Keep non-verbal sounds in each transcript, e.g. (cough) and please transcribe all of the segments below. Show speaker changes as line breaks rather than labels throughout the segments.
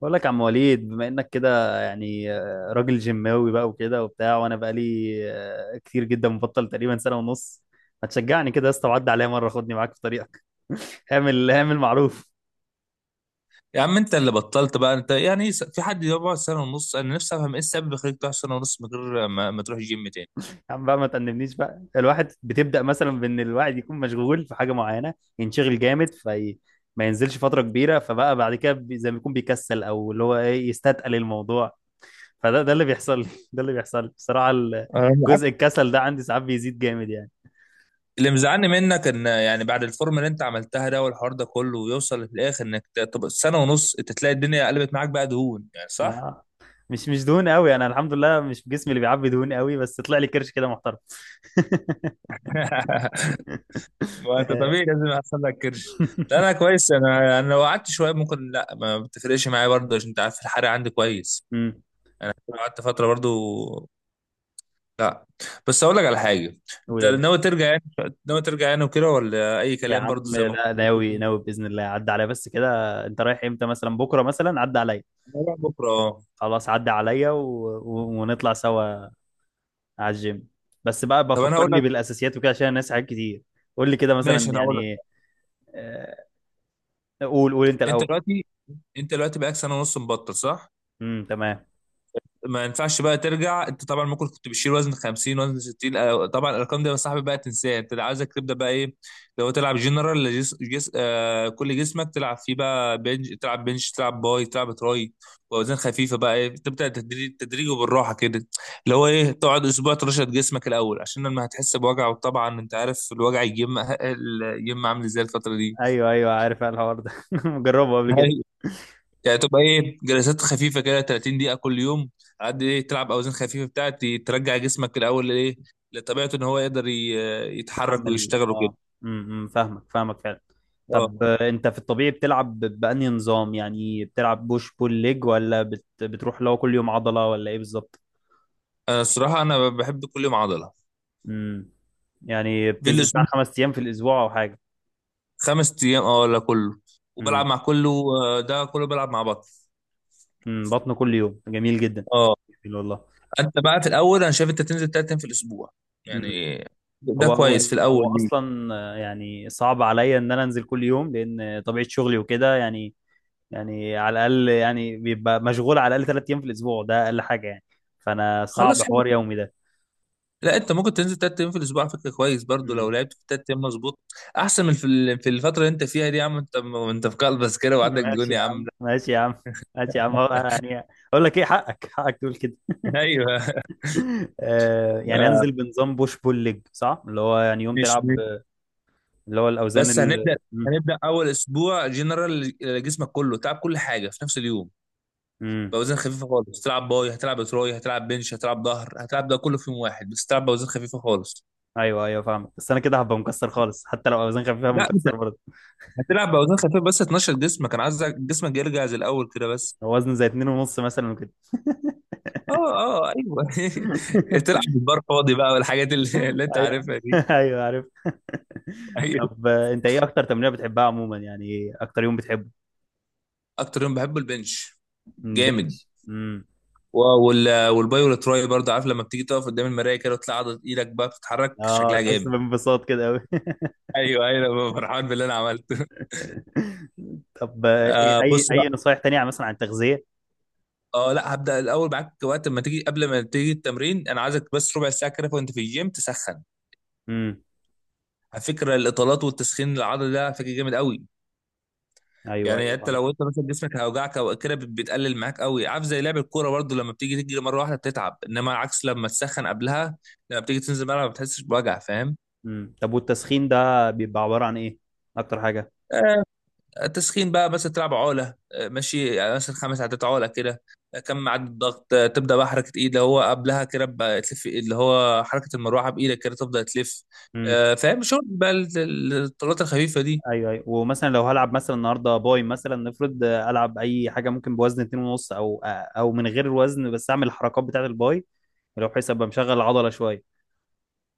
بقول لك يا عم وليد بما انك كده يعني راجل جيماوي بقى وكده وبتاع. وانا بقى لي كتير جدا مبطل تقريبا سنه ونص. ما تشجعني كده يا اسطى وعدي عليا مره خدني معاك في طريقك. (laughs) اعمل معروف.
يا عم انت اللي بطلت بقى انت يعني في حد يقعد سنه ونص؟ انا نفسي افهم ايه السبب اللي يخليك تقعد سنه ونص من غير ما تروح الجيم تاني.
يا عم بقى ما تأنبنيش، بقى الواحد بتبدأ مثلا بان الواحد يكون مشغول في حاجه معينه، ينشغل جامد في. ما ينزلش فتره كبيره، فبقى بعد كده زي ما يكون بيكسل او اللي هو ايه يستثقل الموضوع. فده اللي بيحصل لي. (laughs) ده اللي بيحصل لي بصراحه.
أنا معاك.
جزء الكسل ده عندي ساعات بيزيد جامد يعني.
اللي مزعلني منك ان يعني بعد الفورم اللي انت عملتها ده والحوار ده كله ويوصل في الاخر انك طب سنه ونص انت تلاقي الدنيا قلبت معاك بقى دهون يعني، صح؟
آه. مش دهون قوي، انا الحمد لله مش جسمي اللي بيعبي دهون قوي، بس طلع لي كرش كده محترم.
(laughs)
(laughs)
ما انت
آه.
طبيعي لازم يحصل لك كرش. لا انا كويس، انا لو قعدت شويه ممكن لا ما بتفرقش معايا برضه عشان انت عارف الحرق عندي كويس.
امم.
قعدت فتره برضه. لا بس اقول لك على حاجه.
قول
انت
يا باشا.
ناوي ترجع يعني؟ ناوي ترجع يعني وكده ولا اي
يا
كلام
عم
برضو زي ما
لا،
كنت
ناوي
بتقول؟
ناوي باذن الله، عدى عليا بس كده. انت رايح امتى مثلا؟ بكره مثلا؟ عدى عليا.
أنا رايح بكره اه.
خلاص عدى عليا، ونطلع سوا على الجيم. بس بقى
طب انا هقول
بفكرني
لك.
بالاساسيات وكده عشان الناس حاجات كتير. قول لي كده مثلا
ماشي انا هقول
يعني.
لك.
آه، قول قول انت
انت
الاول.
دلوقتي، انت دلوقتي بقالك سنه ونص مبطل، صح؟
امم، تمام.
ما ينفعش بقى ترجع. انت طبعا ممكن كنت بتشيل وزن 50 وزن 60، آه، طبعا الارقام دي يا صاحبي بقى تنساها. انت اللي عايزك تبدا بقى ايه، لو تلعب جنرال آه كل جسمك تلعب فيه بقى تلعب بنش، تلعب باي، تلعب تراي. واوزان خفيفه بقى ايه، تبدا تدريج تدريج وبالراحه كده. اللي هو ايه، تقعد اسبوع ترشد جسمك الاول عشان لما هتحس بوجع، وطبعا انت عارف الوجع يجم عامل ازاي الفتره
ايوه ايوه عارف الحوار ده. (laughs) مجربه قبل كده.
دي. يعني تبقى ايه، جلسات خفيفه كده 30 دقيقه كل يوم. على قد ايه تلعب اوزان خفيفه بتاعت ترجع جسمك الاول ايه لطبيعته، ان هو يقدر يتحرك
تحمل،
ويشتغل وكده.
اه. امم، فاهمك فاهمك فعلا. طب،
اه
انت في الطبيعي بتلعب بأنهي نظام؟ يعني بتلعب بوش بول ليج، ولا بتروح لو كل يوم عضلة ولا ايه بالظبط؟
انا الصراحه انا بحب كل يوم عضله.
امم. يعني
في
بتنزل بتاع
الاسبوع
خمس ايام في الاسبوع او حاجة؟
5 ايام اه، ولا كله وبلعب
امم.
مع كله. آه، ده كله بلعب مع بطن.
امم، بطن كل يوم جميل جدا.
اه.
جميل والله.
انت بقى في الاول انا شايف انت تنزل 3 ايام في الاسبوع
امم،
يعني. ده
هو هو
كويس في الاول
هو
ليه.
اصلا يعني صعب عليا ان انا انزل كل يوم لان طبيعة شغلي وكده يعني. يعني على الاقل يعني بيبقى مشغول على الاقل ثلاث ايام في الاسبوع، ده اقل حاجه يعني. فانا صعب
خلاص حلو.
حوار يومي ده.
لا انت ممكن تنزل 3 ايام في الاسبوع على فكره كويس برضو،
مم.
لو لعبت في 3 ايام مظبوط. احسن من في في الفتره اللي انت فيها دي، يا عم انت انت في قلبس كده
(laughs)
وعندك
ماشي
ديون يا
يا
عم.
عم، ماشي يا عم، ماشي يا عم. هو
(laughs)
يعني، اقول لك ايه، حقك حقك تقول كده.
ايوه.
(laughs) آه، يعني
آه،
انزل بنظام بوش بول ليج صح، اللي هو يعني يوم
مش
تلعب.
مش-
اللي هو الاوزان
بس
ال،
هنبدا.
مم.
هنبدا اول اسبوع جنرال جسمك كله تلعب كل حاجه في نفس اليوم،
مم.
باوزان خفيفه خالص. تلعب باي، هتلعب تراي، هتلعب بنش، هتلعب ظهر، هتلعب ده كله في يوم واحد بس تلعب باوزان خفيفه خالص.
ايوه ايوه فاهمك، بس انا كده هبقى مكسر خالص، حتى لو اوزان خفيفه هبقى
لا انت
مكسر برضه.
هتلعب باوزان خفيفه بس تنشط جسمك، انا عايز جسمك يرجع زي الاول كده بس.
وزن زي اتنين ونص مثلا وكده.
اه، اه ايوه. (laughs)
(laughs)
تلعب بالبار فاضي بقى (laughs) اللي انت
ايوه.
عارفها دي.
(laughs) ايوه عارف. (laughs)
ايوه.
طب، انت ايه اكتر تمرينه بتحبها عموما؟ يعني ايه اكتر يوم بتحبه؟
اكتر يوم بحبه البنش،
مم،
جامد.
بنش.
و- والباي والتراي برضه. عارف لما بتيجي تقف قدام المرايه كده وتطلع عضله ايدك بقى بتتحرك
اه،
شكلها
تحس
جامد.
بانبساط كده قوي. (laughs)
ايوه ايوه، أنا ببقى فرحان باللي انا عملته.
طب، ايه
آه
اي
بص
اي
بقى.
نصايح تانية مثلا عن التغذيه؟
اه لا هبدا الاول معاك. وقت ما تيجي، قبل ما تيجي التمرين، انا عايزك بس ربع ساعه كده وانت في الجيم تسخن.
امم.
على فكره الاطالات والتسخين العضله ده على فكره جامد قوي.
ايوه
يعني
ايوه
انت
فاهم.
لو انت مثلا جسمك هيوجعك او كده بتقلل معاك قوي. عارف زي لعب الكوره برضو، لما بتيجي تجري مره واحده بتتعب، انما عكس لما تسخن قبلها، لما بتيجي تنزل الملعب ما بتحسش بوجع، فاهم؟
طب والتسخين ده بيبقى عباره عن ايه اكتر حاجه؟
آه، التسخين بقى مثلا تلعب عقله، آه، ماشي، يعني مثلا 5 عدات عقله كده. آه، كم عدد الضغط. آه، تبدا بقى حركه ايد اللي هو قبلها كده بقى تلف إيد، اللي هو حركه المروحه بايدك كده تبدا تلف.
امم
آه، فاهم، شغل بقى الطلات الخفيفه دي.
ايوه ايوه. ومثلا لو هلعب مثلا النهارده باي مثلا، نفرض العب اي حاجه ممكن بوزن 2 ونص، او او من غير وزن، بس اعمل الحركات بتاعه الباي، لو بحيث ابقى مشغل العضله شويه.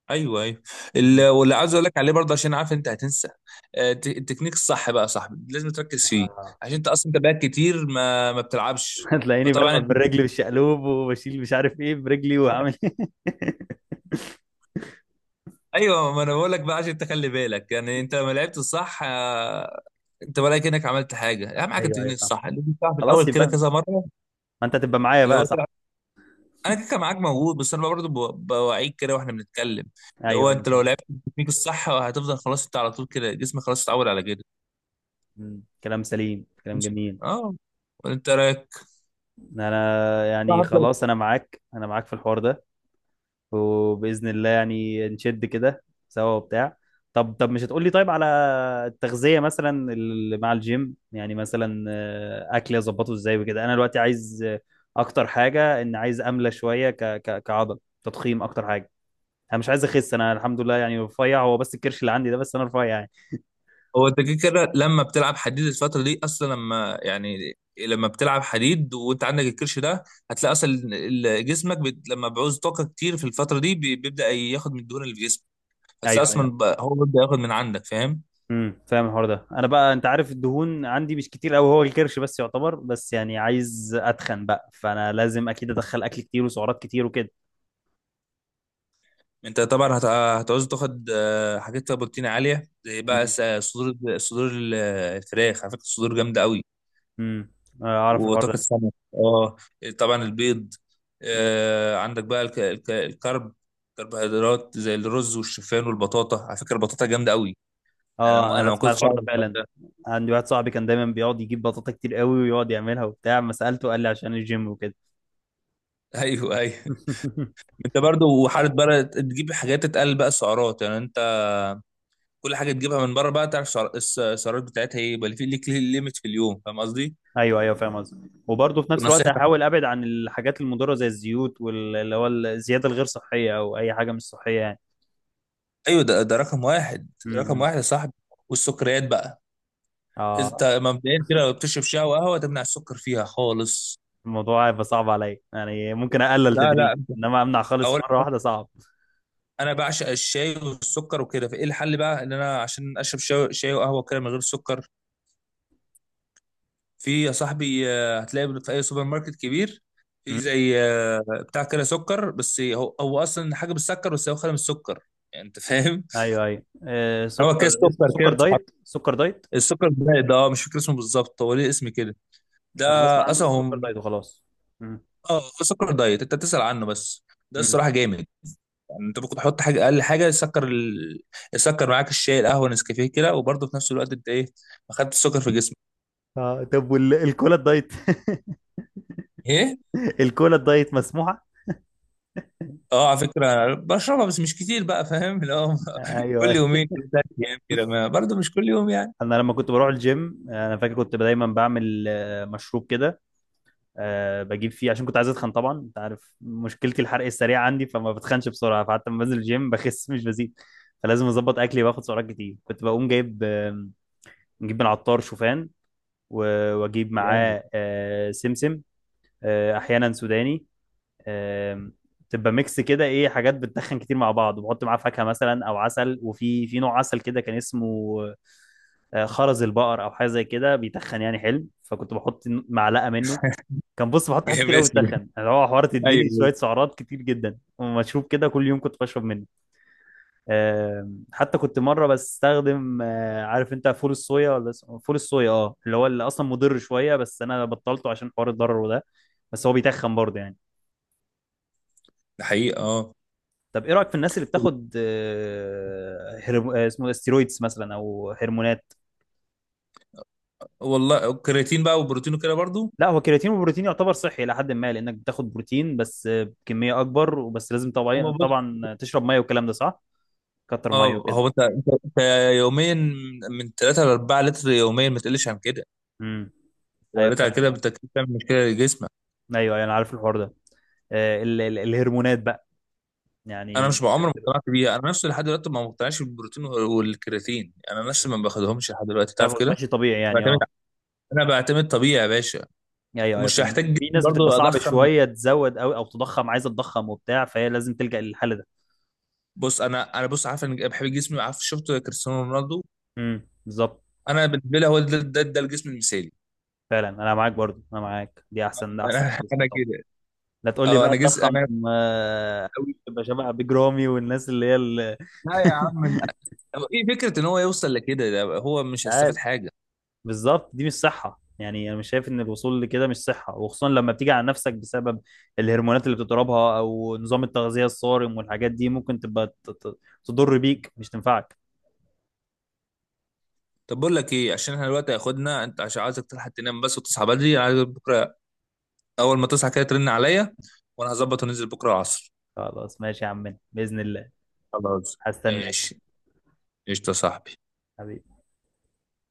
ايوه ايوه.
مم.
واللي عايز اقول لك عليه برضه عشان عارف انت هتنسى. آه، التكنيك الصح بقى يا صاحبي لازم تركز فيه،
اه.
عشان انت اصلا انت بقى كتير ما بتلعبش.
(laughs) هتلاقيني
فطبعا
بلعب
انت
بالرجل
(laughs)
بالشقلوب وبشيل مش عارف ايه برجلي وعامل.
ايوه، ما انا بقول لك بقى عشان تخلي بالك. يعني انت لما لعبت الصح آه، انت ولا كانك عملت حاجه. اهم
(laughs)
حاجه
ايوه ايوه
التكنيك
فاهم.
الصح لازم تعرف الاول
خلاص،
كده
يبقى ما
كذا مره.
انت هتبقى معايا
اللي هو
بقى صح؟
تلعب، انا كده كان معاك موجود، بس انا برضه بوعيك كده واحنا بنتكلم. اللي
ايوه
هو
ايوه
انت لو
فاهم.
لعبت التكنيك الصح آه، هتفضل خلاص انت على طول كده، جسمك خلاص اتعود على كده.
مم، كلام سليم، كلام
ماشي.
جميل.
اه. وانت رايك.
انا يعني خلاص انا معاك، انا معاك في الحوار ده، وبإذن الله يعني نشد كده سوا وبتاع. طب، مش هتقولي طيب على التغذية مثلا اللي مع الجيم، يعني مثلا أكلي أظبطه إزاي وكده؟ أنا دلوقتي عايز أكتر حاجة إن عايز أملى شوية ك ك كعضل، تضخيم أكتر حاجة. أنا مش عايز أخس، أنا الحمد لله يعني رفيع، هو بس الكرش اللي عندي ده بس، أنا رفيع يعني.
هو انت كده كده لما بتلعب حديد الفترة دي اصلا، لما يعني لما بتلعب حديد وانت عندك الكرش ده، هتلاقي اصلا جسمك لما بيعوز طاقة كتير في الفترة دي بيبدأ ياخد من الدهون اللي في جسمك. هتلاقي
أيوه
اصلا
أيوه.
هو بيبدأ ياخد من عندك، فاهم؟
امم، فاهم الحوار ده. أنا بقى أنت عارف الدهون عندي مش كتير أوي، هو الكرش بس يعتبر، بس يعني عايز أتخن بقى، فأنا لازم أكيد أدخل أكل كتير وسعرات كتير وكده.
انت طبعا هتعوز تاخد آه، حاجات فيها بروتين عالية، زي بقى صدور الصدور الفراخ، على فكرة الصدور جامدة قوي.
امم، اعرف الحوار
وطاقة
ده.
السمك اه. طبعا البيض. آه عندك بقى الكرب كربوهيدرات زي الرز والشوفان والبطاطا، على فكرة البطاطا جامدة قوي.
اه، انا
انا ما
بسمع
كنتش
الحوار ده
اعرف الحوار
فعلا.
ده.
عندي واحد صاحبي كان دايما بيقعد يجيب بطاطا كتير قوي ويقعد يعملها وبتاع، ما سالته قال لي عشان الجيم وكده.
(laughs) ايوه ايوه.
(laughs)
انت برضو وحاله بقى تجيب حاجات تقل بقى السعرات يعني. انت كل حاجه تجيبها من بره بقى تعرف السعرات بتاعتها ايه، يبقى في ليك ليميت في اليوم، فاهم قصدي؟
ايوه ايوه فاهم قصدي. وبرضه في نفس الوقت
ونصيحتك،
احاول ابعد عن الحاجات المضره زي الزيوت، واللي هو الزياده الغير صحيه او اي حاجه مش صحيه يعني.
ايوه ده رقم واحد. رقم
امم.
واحد يا صاحبي، والسكريات بقى. انت
اه.
مبدئيا كده
(laughs)
لو بتشرب شاي وقهوه تمنع السكر فيها خالص.
الموضوع هيبقى صعب عليا يعني، ممكن اقلل
لا، لا،
تدريجي، انما امنع خالص
اقول،
مره واحده صعب.
انا بعشق الشاي والسكر وكده، فايه الحل بقى ان انا عشان اشرب شاي وقهوه كده من غير سكر. في يا صاحبي آه، هتلاقي في اي سوبر ماركت كبير. في
امم.
زي آه، بتاع كده سكر بس هو اصلا حاجه بالسكر بس هو خالي من السكر، يعني انت فاهم.
ايوه ايوه. آه،
(laughs) هو
سكر
كده
اسمه
سكر كده
سكر
بتتحط.
دايت، سكر دايت.
السكر دايت اه، مش فاكر اسمه بالظبط، هو ليه اسم كده ده.
انا بسمع عنه
اصلا هو
السكر دايت وخلاص. مم.
اه هو سكر دايت انت تسأل عنه بس، ده
مم.
الصراحه جامد. يعني انت ممكن تحط حاجه اقل حاجه يسكر يسكر معاك الشاي، القهوه، نسكافيه كده، وبرضه في نفس الوقت انت ايه، ما خدتش السكر في جسمك.
اه، طب والكولا الدايت؟
ايه؟
(laughs) الكولا الدايت مسموحة؟
اه على فكره بشربها بس مش كتير بقى، فاهم اللي هو.
ايوه،
(laughs)
أيوة.
كل يومين، كل 3 ايام كده، ما برضه مش كل يوم يعني.
انا لما كنت بروح الجيم انا فاكر كنت دايما بعمل مشروب كده. بجيب فيه عشان كنت عايز اتخن، طبعا انت عارف مشكلتي الحرق السريع عندي، فما بتخنش بسرعة، فحتى لما بنزل الجيم بخس مش بزيد. فلازم اظبط اكلي واخد سعرات كتير، كنت بقوم جايب نجيب من عطار شوفان، واجيب
جامد.
معاه سمسم، احيانا سوداني، آم، تبقى ميكس كده، ايه، حاجات بتدخن كتير مع بعض، وبحط معاه فاكهه مثلا او عسل. وفي نوع عسل كده كان اسمه خرز البقر او حاجه زي كده، بيتخن يعني حلو، فكنت بحط معلقه منه. كان
(laughs)
بص بحط حاجات
جامد
كتير قوي
اسمي ده.
بتتخن، اللي هو حوار تديني
ايوه.
شويه سعرات كتير جدا، ومشروب كده كل يوم كنت بشرب منه. حتى كنت مره بستخدم عارف انت فول الصويا، ولا اسمه فول الصويا، اه، اللي هو اللي اصلا مضر شويه، بس انا بطلته عشان حوار الضرر ده، بس هو بيتخن برضه يعني.
ده حقيقه اه.
طب، ايه رايك في الناس اللي بتاخد اسمه إيه، ستيرويدز مثلا او هرمونات؟
والله الكرياتين بقى والبروتين وكده برضه.
لا، هو كرياتين وبروتين يعتبر صحي الى حد ما، لانك بتاخد بروتين بس بكميه اكبر وبس، لازم
هو
طبعا
بص.
طبعا تشرب ميه، والكلام ده صح، كتر ميه
اه
وكده.
هو انت
مم.
انت انت يوميا من 3 ل 4 لتر يوميا، ما تقلش عن كده،
مم.
لو
ايوه
قلت على كده
فاهم،
انت كده بتعمل مشكله لجسمك.
ايوه أيوة، انا عارف الحوار ده. الهرمونات بقى،
انا مش
يعني
بعمر ما
بتبقى.
اقتنعت بيها، انا نفسي لحد دلوقتي ما مقتنعش بالبروتين والكرياتين، يعني انا نفسي
مم.
ما باخدهمش لحد دلوقتي، تعرف
تاخد
كده.
ماشي طبيعي يعني،
بعتمد،
اه.
انا بعتمد طبيعي يا باشا.
ايوه ايوه
ومش
فاهم،
هحتاج
بس
جسم
في ناس بتبقى
برضه
صعب
اضخم.
شويه تزود، او تضخم، عايزه تضخم وبتاع، فهي لازم تلجأ للحل ده.
بص انا بص عارف انا بحب جسمي، عارف شفت كريستيانو رونالدو،
امم، بالظبط.
انا بالنسبه لي هو ده الجسم المثالي.
فعلا انا معاك، برضو انا معاك، دي احسن،
انا
ده احسن
(laughs)
جسم
انا
طبعا.
كده.
لا، تقول لي
اه
بقى
انا جسم
تضخم
انا (laughs)
قوي تبقى شبه بيج رامي والناس اللي هي اللي؟
لا يا عم، هو ايه فكره ان هو يوصل لكده، ده هو
مش
مش هيستفاد
عارف،
حاجه.
بالظبط. دي مش صحه يعني، انا مش شايف ان الوصول لكده مش صحه، وخصوصا لما بتيجي على نفسك بسبب الهرمونات اللي بتضربها او نظام التغذيه الصارم، والحاجات دي ممكن تبقى تضر بيك مش تنفعك.
طب بقول لك ايه، عشان احنا دلوقتي هياخدنا، انت عشان عايزك تلحق تنام بس وتصحى بدري، انا عايز بكره اول ما تصحى كده ترن عليا، وانا هظبط وننزل بكره العصر.
خلاص ماشي يا عمنا باذن الله.
خلاص ماشي،
هستناك.
قشطه يا صاحبي.
حبيبي.